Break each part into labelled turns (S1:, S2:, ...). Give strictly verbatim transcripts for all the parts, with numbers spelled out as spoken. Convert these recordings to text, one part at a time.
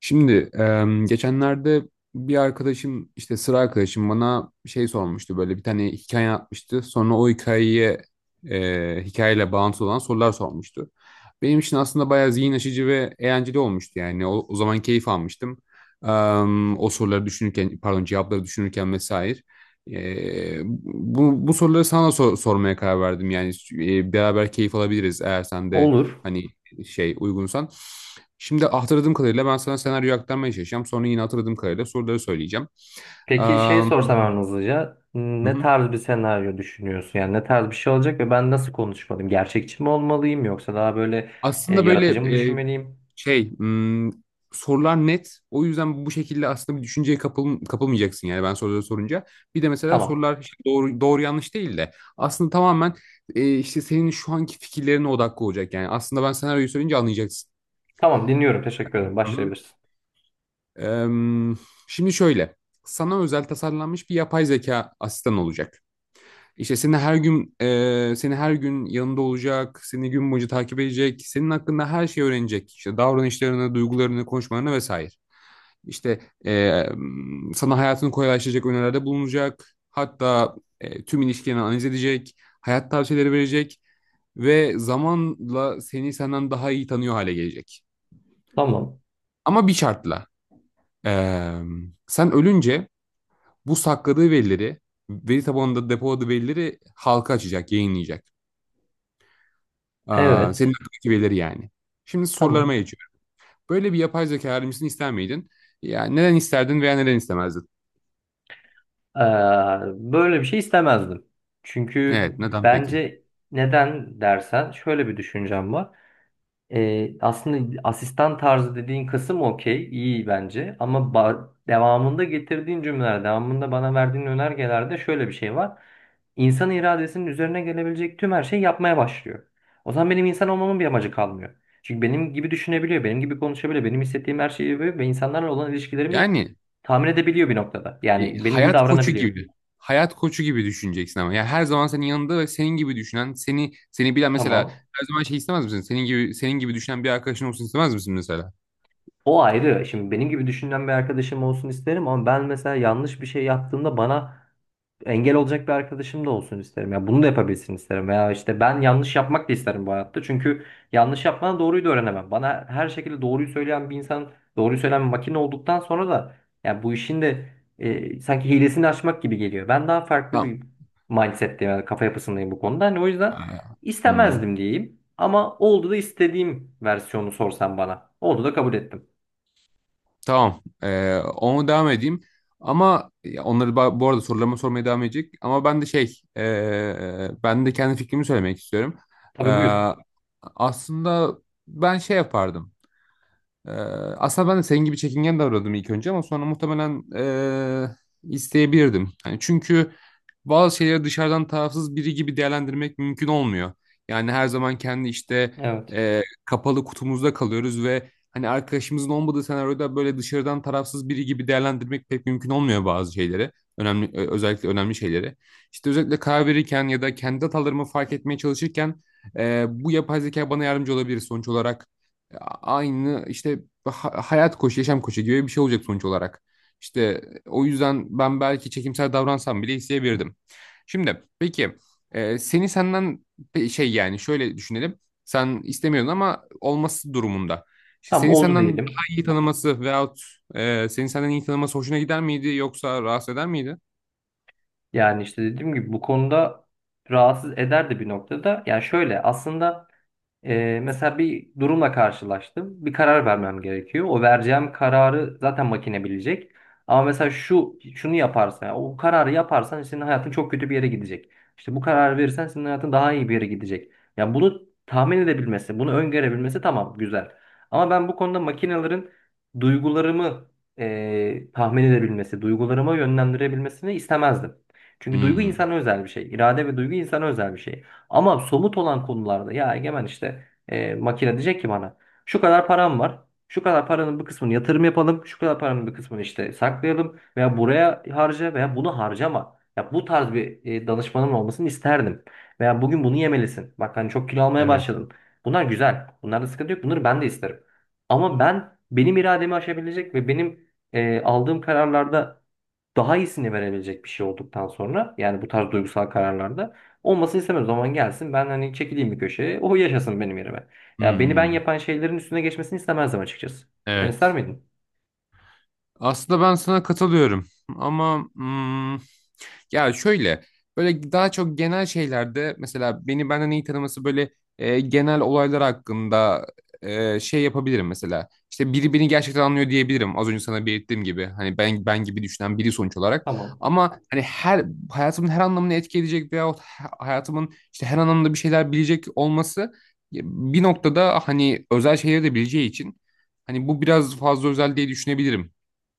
S1: Şimdi em, geçenlerde bir arkadaşım işte sıra arkadaşım bana şey sormuştu böyle bir tane hikaye atmıştı. Sonra o hikayeye e, hikayeyle bağlantılı olan sorular sormuştu. Benim için aslında bayağı zihin açıcı ve eğlenceli olmuştu yani. O, o zaman keyif almıştım. Em, o soruları düşünürken pardon cevapları düşünürken vesaire. E, bu, bu soruları sana da sor- sormaya karar verdim yani e, beraber keyif alabiliriz eğer sen de
S2: Olur.
S1: hani şey uygunsan. Şimdi hatırladığım kadarıyla ben sana senaryoyu aktarmaya çalışacağım. Sonra yine hatırladığım kadarıyla soruları söyleyeceğim. Eee,
S2: Peki şey sorsam ben hızlıca
S1: hı
S2: ne
S1: hı.
S2: tarz bir senaryo düşünüyorsun? Yani ne tarz bir şey olacak ve ben nasıl konuşmalıyım? Gerçekçi mi olmalıyım yoksa daha böyle e,
S1: Aslında böyle
S2: yaratıcı mı
S1: e,
S2: düşünmeliyim?
S1: şey hmm, sorular net. O yüzden bu şekilde aslında bir düşünceye kapıl, kapılmayacaksın yani ben soruları sorunca. Bir de mesela
S2: Tamam.
S1: sorular işte doğru, doğru yanlış değil de aslında tamamen e, işte senin şu anki fikirlerine odaklı olacak yani. Aslında ben senaryoyu söyleyince anlayacaksın.
S2: Tamam, dinliyorum. Teşekkür ederim.
S1: Hı hı.
S2: Başlayabilirsin.
S1: Eee, şimdi şöyle sana özel tasarlanmış bir yapay zeka asistan olacak. İşte seni her gün e, seni her gün yanında olacak, seni gün boyunca takip edecek, senin hakkında her şeyi öğrenecek. İşte davranışlarını, duygularını, konuşmalarını vesaire. İşte e, sana hayatını kolaylaştıracak önerilerde bulunacak. Hatta e, tüm ilişkilerini analiz edecek, hayat tavsiyeleri verecek ve zamanla seni senden daha iyi tanıyor hale gelecek.
S2: Tamam.
S1: Ama bir şartla. e, Sen ölünce bu sakladığı verileri, veri tabanında depoladığı verileri halka açacak, yayınlayacak. Aa,
S2: Evet.
S1: senin aklına gelir yani. Şimdi sorularıma
S2: Tamam.
S1: geçiyorum. Böyle bir yapay zeka öğrencisini ister miydin? Yani neden isterdin veya neden istemezdin?
S2: Ee, Böyle bir şey istemezdim. Çünkü
S1: Evet, neden peki?
S2: bence neden dersen şöyle bir düşüncem var. E, aslında asistan tarzı dediğin kısım okey, iyi bence. Ama ba- devamında getirdiğin cümleler, devamında bana verdiğin önergelerde şöyle bir şey var. İnsan iradesinin üzerine gelebilecek tüm her şeyi yapmaya başlıyor. O zaman benim insan olmamın bir amacı kalmıyor. Çünkü benim gibi düşünebiliyor, benim gibi konuşabiliyor, benim hissettiğim her şeyi yapıyor ve insanlarla olan ilişkilerimi
S1: Yani
S2: tahmin edebiliyor bir noktada.
S1: e,
S2: Yani benim gibi
S1: hayat koçu
S2: davranabiliyor.
S1: gibi. Hayat koçu gibi düşüneceksin ama. Yani her zaman senin yanında ve senin gibi düşünen, seni seni bilen mesela
S2: Tamam.
S1: her zaman şey istemez misin? Senin gibi senin gibi düşünen bir arkadaşın olsun istemez misin mesela?
S2: O ayrı. Şimdi benim gibi düşünen bir arkadaşım olsun isterim ama ben mesela yanlış bir şey yaptığımda bana engel olacak bir arkadaşım da olsun isterim. Ya bunu da yapabilsin isterim. Veya işte ben yanlış yapmak da isterim bu hayatta. Çünkü yanlış yapmadan doğruyu da öğrenemem. Bana her şekilde doğruyu söyleyen bir insan, doğruyu söyleyen bir makine olduktan sonra da ya bu işin de e, sanki hilesini açmak gibi geliyor. Ben daha farklı
S1: Tamam.
S2: bir mindset'teyim, yani kafa yapısındayım bu konuda. Hani o yüzden
S1: Aa, hmm.
S2: istemezdim diyeyim. Ama oldu da istediğim versiyonu sorsan bana. Oldu da kabul ettim.
S1: Tamam. Ee, onu devam edeyim. Ama ya onları ba- bu arada sorularımı sormaya devam edecek. Ama ben de şey, ee, ben de kendi fikrimi söylemek istiyorum.
S2: Tabii, buyur.
S1: Ee, aslında ben şey yapardım. Ee, aslında ben de senin gibi çekingen davranıyordum ilk önce ama sonra muhtemelen ee, isteyebilirdim. Hani çünkü bazı şeyleri dışarıdan tarafsız biri gibi değerlendirmek mümkün olmuyor. Yani her zaman kendi işte
S2: Evet.
S1: ee, kapalı kutumuzda kalıyoruz ve hani arkadaşımızın olmadığı senaryoda böyle dışarıdan tarafsız biri gibi değerlendirmek pek mümkün olmuyor bazı şeyleri. Önemli, ö- özellikle önemli şeyleri. İşte özellikle karar verirken ya da kendi hatalarımı fark etmeye çalışırken ee, bu yapay zeka bana yardımcı olabilir sonuç olarak aynı işte ha- hayat koçu, yaşam koçu gibi bir şey olacak sonuç olarak. İşte o yüzden ben belki çekimsel davransam bile isteyebilirdim. Şimdi peki e, seni senden pe- şey yani şöyle düşünelim. Sen istemiyordun ama olması durumunda. İşte
S2: Tamam,
S1: seni
S2: oldu
S1: senden daha
S2: diyelim.
S1: iyi tanıması veyahut e, seni senden iyi tanıması hoşuna gider miydi yoksa rahatsız eder miydi?
S2: Yani işte dediğim gibi bu konuda rahatsız eder de bir noktada. Yani şöyle aslında ee, mesela bir durumla karşılaştım. Bir karar vermem gerekiyor. O vereceğim kararı zaten makine bilecek. Ama mesela şu şunu yaparsan, yani o kararı yaparsan senin hayatın çok kötü bir yere gidecek. İşte bu kararı verirsen senin hayatın daha iyi bir yere gidecek. Yani bunu tahmin edebilmesi, bunu öngörebilmesi tamam, güzel. Ama ben bu konuda makinelerin duygularımı eee, tahmin edebilmesi, duygularıma yönlendirebilmesini istemezdim. Çünkü duygu
S1: Hmm,
S2: insana özel bir şey. İrade ve duygu insana özel bir şey. Ama somut olan konularda ya Egemen işte e, makine diyecek ki bana şu kadar param var. Şu kadar paranın bir kısmını yatırım yapalım. Şu kadar paranın bir kısmını işte saklayalım. Veya buraya harca veya bunu harcama. Ya bu tarz bir e, danışmanım olmasını isterdim. Veya bugün bunu yemelisin. Bak hani çok kilo almaya
S1: evet.
S2: başladın. Bunlar güzel. Bunlarda sıkıntı yok. Bunları ben de isterim. Ama ben benim irademi aşabilecek ve benim e, aldığım kararlarda daha iyisini verebilecek bir şey olduktan sonra yani bu tarz duygusal kararlarda olmasını istemem. O zaman gelsin, ben hani çekileyim bir köşeye. O yaşasın benim yerime. Ya beni ben
S1: Hmm,
S2: yapan şeylerin üstüne geçmesini istemezdim açıkçası. Sen ister
S1: evet.
S2: miydin?
S1: Aslında ben sana katılıyorum ama hmm, ya şöyle böyle daha çok genel şeylerde mesela beni benden iyi tanıması böyle e, genel olaylar hakkında e, şey yapabilirim mesela. İşte biri beni gerçekten anlıyor diyebilirim. Az önce sana belirttiğim gibi hani ben ben gibi düşünen biri sonuç olarak
S2: Tamam.
S1: ama hani her hayatımın her anlamını etki edecek veyahut ha- hayatımın işte her anlamda bir şeyler bilecek olması bir noktada hani özel şeyleri de bileceği için hani bu biraz fazla özel diye düşünebilirim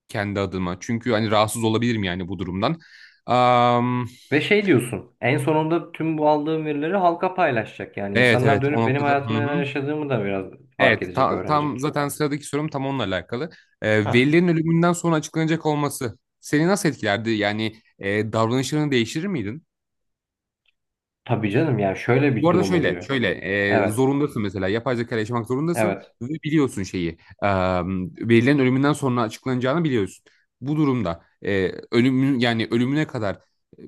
S1: kendi adıma. Çünkü hani rahatsız olabilirim yani bu durumdan. Am,
S2: Ve şey diyorsun, en sonunda tüm bu aldığım verileri halka paylaşacak. Yani
S1: evet
S2: insanlar
S1: evet o
S2: dönüp benim
S1: noktada. Hı
S2: hayatımda neler
S1: hı.
S2: yaşadığımı da biraz fark
S1: Evet
S2: edecek,
S1: ta- tam
S2: öğrenecek.
S1: zaten sıradaki sorum tam onunla alakalı. Ee,
S2: Ha.
S1: velilerin ölümünden sonra açıklanacak olması seni nasıl etkilerdi? Yani e, davranışlarını değiştirir miydin?
S2: Tabii canım, yani şöyle bir
S1: Bu arada
S2: durum
S1: şöyle,
S2: oluyor.
S1: şöyle e,
S2: Evet.
S1: zorundasın mesela yapay zeka ile yaşamak zorundasın
S2: Evet.
S1: ve biliyorsun şeyi e, verilerin ölümünden sonra açıklanacağını biliyorsun. Bu durumda e, ölümün yani ölümüne kadar e,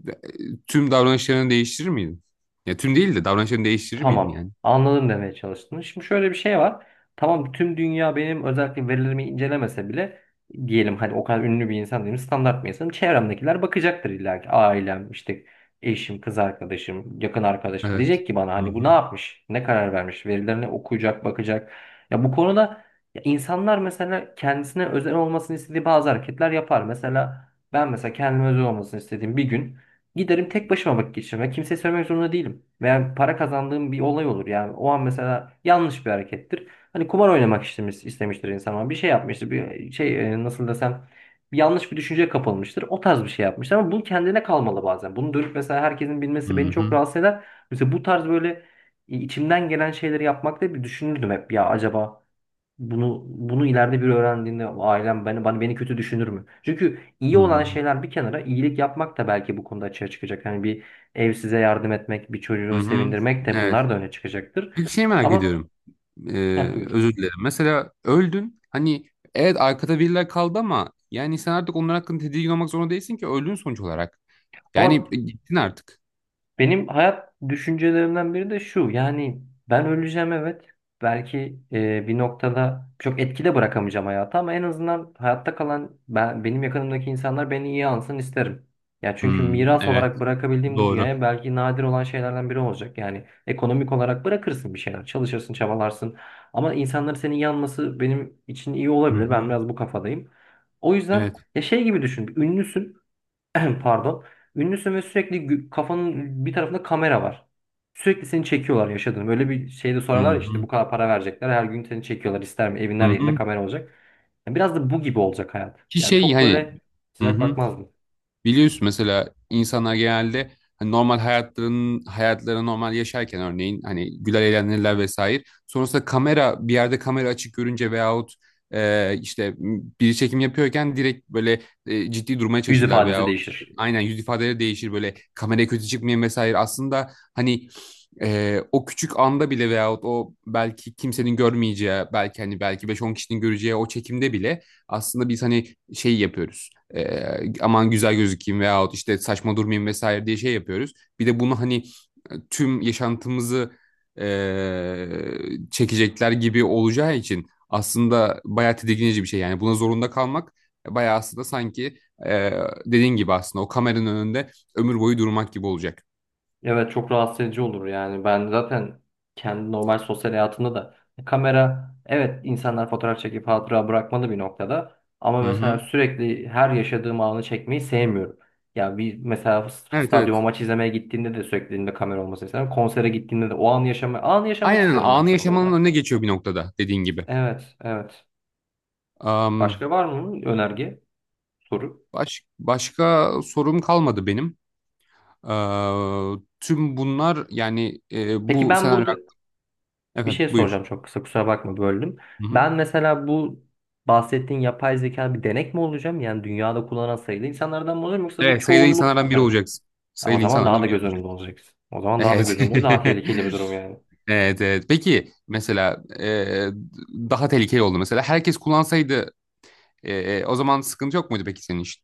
S1: tüm davranışlarını değiştirir miydin? Ya tüm değil de davranışlarını değiştirir miydin
S2: Tamam.
S1: yani?
S2: Anladım, demeye çalıştın. Şimdi şöyle bir şey var. Tamam, tüm dünya benim özellikle verilerimi incelemese bile diyelim, hani o kadar ünlü bir insan değilim, standart bir insanım. Çevremdekiler bakacaktır illa ki. Ailem işte eşim, kız arkadaşım, yakın arkadaşım
S1: Evet.
S2: diyecek ki bana,
S1: Hı
S2: hani bu ne
S1: hı.
S2: yapmış? Ne karar vermiş? Verilerini okuyacak, bakacak. Ya bu konuda ya insanlar mesela kendisine özel olmasını istediği bazı hareketler yapar. Mesela ben mesela kendime özel olmasını istediğim bir gün giderim tek başıma vakit geçirmek. Kimseye söylemek zorunda değilim. Veya para kazandığım bir olay olur. Yani o an mesela yanlış bir harekettir. Hani kumar oynamak istemiş, istemiştir insan ama bir şey yapmıştır. Bir şey e, nasıl desem bir yanlış bir düşünceye kapılmıştır. O tarz bir şey yapmıştır ama bu kendine kalmalı bazen. Bunu dönüp mesela herkesin
S1: Hı
S2: bilmesi beni çok
S1: hı.
S2: rahatsız eder. Mesela bu tarz böyle e, içimden gelen şeyleri yapmakta bir düşünürdüm hep ya, acaba bunu bunu ileride bir öğrendiğinde ailem beni bana beni kötü düşünür mü? Çünkü
S1: Hı
S2: iyi olan
S1: hı.
S2: şeyler bir kenara, iyilik yapmak da belki bu konuda açığa çıkacak. Hani bir ev size yardım etmek, bir çocuğu
S1: Hı hı.
S2: sevindirmek de,
S1: Evet.
S2: bunlar da öne çıkacaktır.
S1: Peki şey merak
S2: Ama
S1: ediyorum. Ee,
S2: heh, buyur.
S1: özür dilerim. Mesela öldün. Hani evet arkada biriler kaldı ama yani sen artık onlar hakkında tedirgin olmak zorunda değilsin ki öldün sonuç olarak. Yani
S2: Ama
S1: gittin artık.
S2: benim hayat düşüncelerimden biri de şu. Yani ben öleceğim, evet. Belki e, bir noktada çok etkide bırakamayacağım hayata ama en azından hayatta kalan ben, benim yakınımdaki insanlar beni iyi ansın isterim. Ya çünkü
S1: Hmm,
S2: miras
S1: evet.
S2: olarak bırakabildiğim bu
S1: Doğru.
S2: dünyaya belki nadir olan şeylerden biri olacak. Yani ekonomik olarak bırakırsın bir şeyler, çalışırsın, çabalarsın. Ama insanların senin yanması benim için iyi
S1: Hı
S2: olabilir. Ben
S1: hı.
S2: biraz bu kafadayım. O yüzden
S1: Evet.
S2: ya şey gibi düşün. Bir ünlüsün. Pardon. Ünlüsün ve sürekli gü- kafanın bir tarafında kamera var. Sürekli seni çekiyorlar yaşadığını. Böyle bir şeyde
S1: Hı
S2: sorarlar ya, işte bu
S1: hı.
S2: kadar para verecekler. Her gün seni çekiyorlar. İster mi? Evin
S1: Hı
S2: her yerinde
S1: hı.
S2: kamera olacak. Yani biraz da bu gibi olacak hayat.
S1: Ki
S2: Yani
S1: şey
S2: çok
S1: hani
S2: böyle
S1: hı
S2: sıcak
S1: hı.
S2: bakmazdım.
S1: Biliyorsun mesela insanlar genelde hani normal hayatlarının hayatları normal yaşarken örneğin hani güler eğlenirler vesaire. Sonrasında kamera bir yerde kamera açık görünce veyahut e, işte m, biri çekim yapıyorken direkt böyle e, ciddi durmaya
S2: Yüz
S1: çalışırlar
S2: ifadesi
S1: veyahut şey-
S2: değişir.
S1: aynen yüz ifadeleri değişir böyle kameraya kötü çıkmayın vesaire. Aslında hani e, o küçük anda bile veyahut o belki kimsenin görmeyeceği belki hani belki beş on kişinin göreceği o çekimde bile aslında biz hani şey yapıyoruz e, aman güzel gözükeyim veyahut işte saçma durmayayım vesaire diye şey yapıyoruz. Bir de bunu hani e, tüm yaşantımızı e, çekecekler gibi olacağı için aslında bayağı tedirginici bir şey. Yani buna zorunda kalmak bayağı aslında sanki e, dediğin gibi aslında o kameranın önünde ömür boyu durmak gibi olacak.
S2: Evet, çok rahatsız edici olur yani. Ben zaten kendi normal sosyal hayatımda da kamera, evet insanlar fotoğraf çekip hatıra bırakmalı bir noktada ama
S1: Hı
S2: mesela
S1: hı.
S2: sürekli her yaşadığım anı çekmeyi sevmiyorum. Ya bir mesela s-
S1: Evet,
S2: stadyuma
S1: evet.
S2: maç izlemeye gittiğinde de sürekli elimde kamera olmasını isterim. Konsere gittiğimde de o anı yaşama anı yaşamak
S1: Aynen
S2: isterim ben
S1: anı yaşamanın
S2: çoğunlukla.
S1: önüne geçiyor bir noktada dediğin gibi.
S2: Evet, evet.
S1: Am,
S2: Başka var mı önerge, soru?
S1: baş, başka sorum kalmadı benim. Ee, tüm bunlar yani e,
S2: Peki
S1: bu
S2: ben
S1: senaryo...
S2: burada bir şey
S1: Evet buyur.
S2: soracağım, çok kısa, kusura bakma, böldüm.
S1: Hı hı.
S2: Ben mesela bu bahsettiğin yapay zeka bir denek mi olacağım? Yani dünyada kullanan sayılı insanlardan mı olacağım yoksa bu
S1: Evet sayılı
S2: çoğunluk bir
S1: insanlardan biri
S2: taraf?
S1: olacaksın.
S2: Ya o
S1: Sayılı
S2: zaman daha
S1: insanlardan
S2: da
S1: biri
S2: göz önünde
S1: olacaksın.
S2: olacaksın. O zaman daha da
S1: Evet.
S2: göz önünde, daha tehlikeli bir durum yani.
S1: Evet, evet. Peki mesela e, daha tehlikeli oldu mesela. Herkes kullansaydı e, e, o zaman sıkıntı yok muydu peki senin için?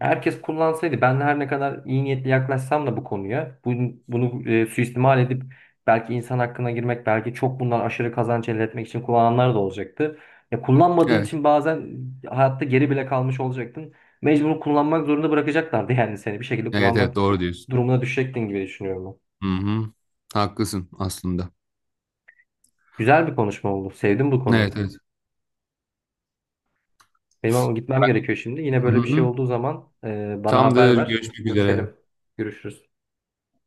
S2: Herkes kullansaydı ben her ne kadar iyi niyetli yaklaşsam da bu konuya bunu, bunu e, suistimal edip belki insan hakkına girmek, belki çok bundan aşırı kazanç elde etmek için kullananlar da olacaktı. Ya kullanmadığın
S1: Evet.
S2: için bazen hayatta geri bile kalmış olacaktın. Mecbur kullanmak zorunda bırakacaklardı yani, seni bir şekilde
S1: Evet,
S2: kullanmak
S1: evet, doğru diyorsun.
S2: durumuna düşecektin gibi düşünüyorum ben.
S1: Hı hı. Haklısın aslında.
S2: Güzel bir konuşma oldu. Sevdim bu konuyu.
S1: Evet, evet.
S2: Benim ama gitmem gerekiyor şimdi. Yine
S1: Hı
S2: böyle bir şey
S1: hı.
S2: olduğu zaman e, bana haber
S1: Tamamdır.
S2: ver.
S1: Görüşmek üzere.
S2: Görüşelim. Görüşürüz.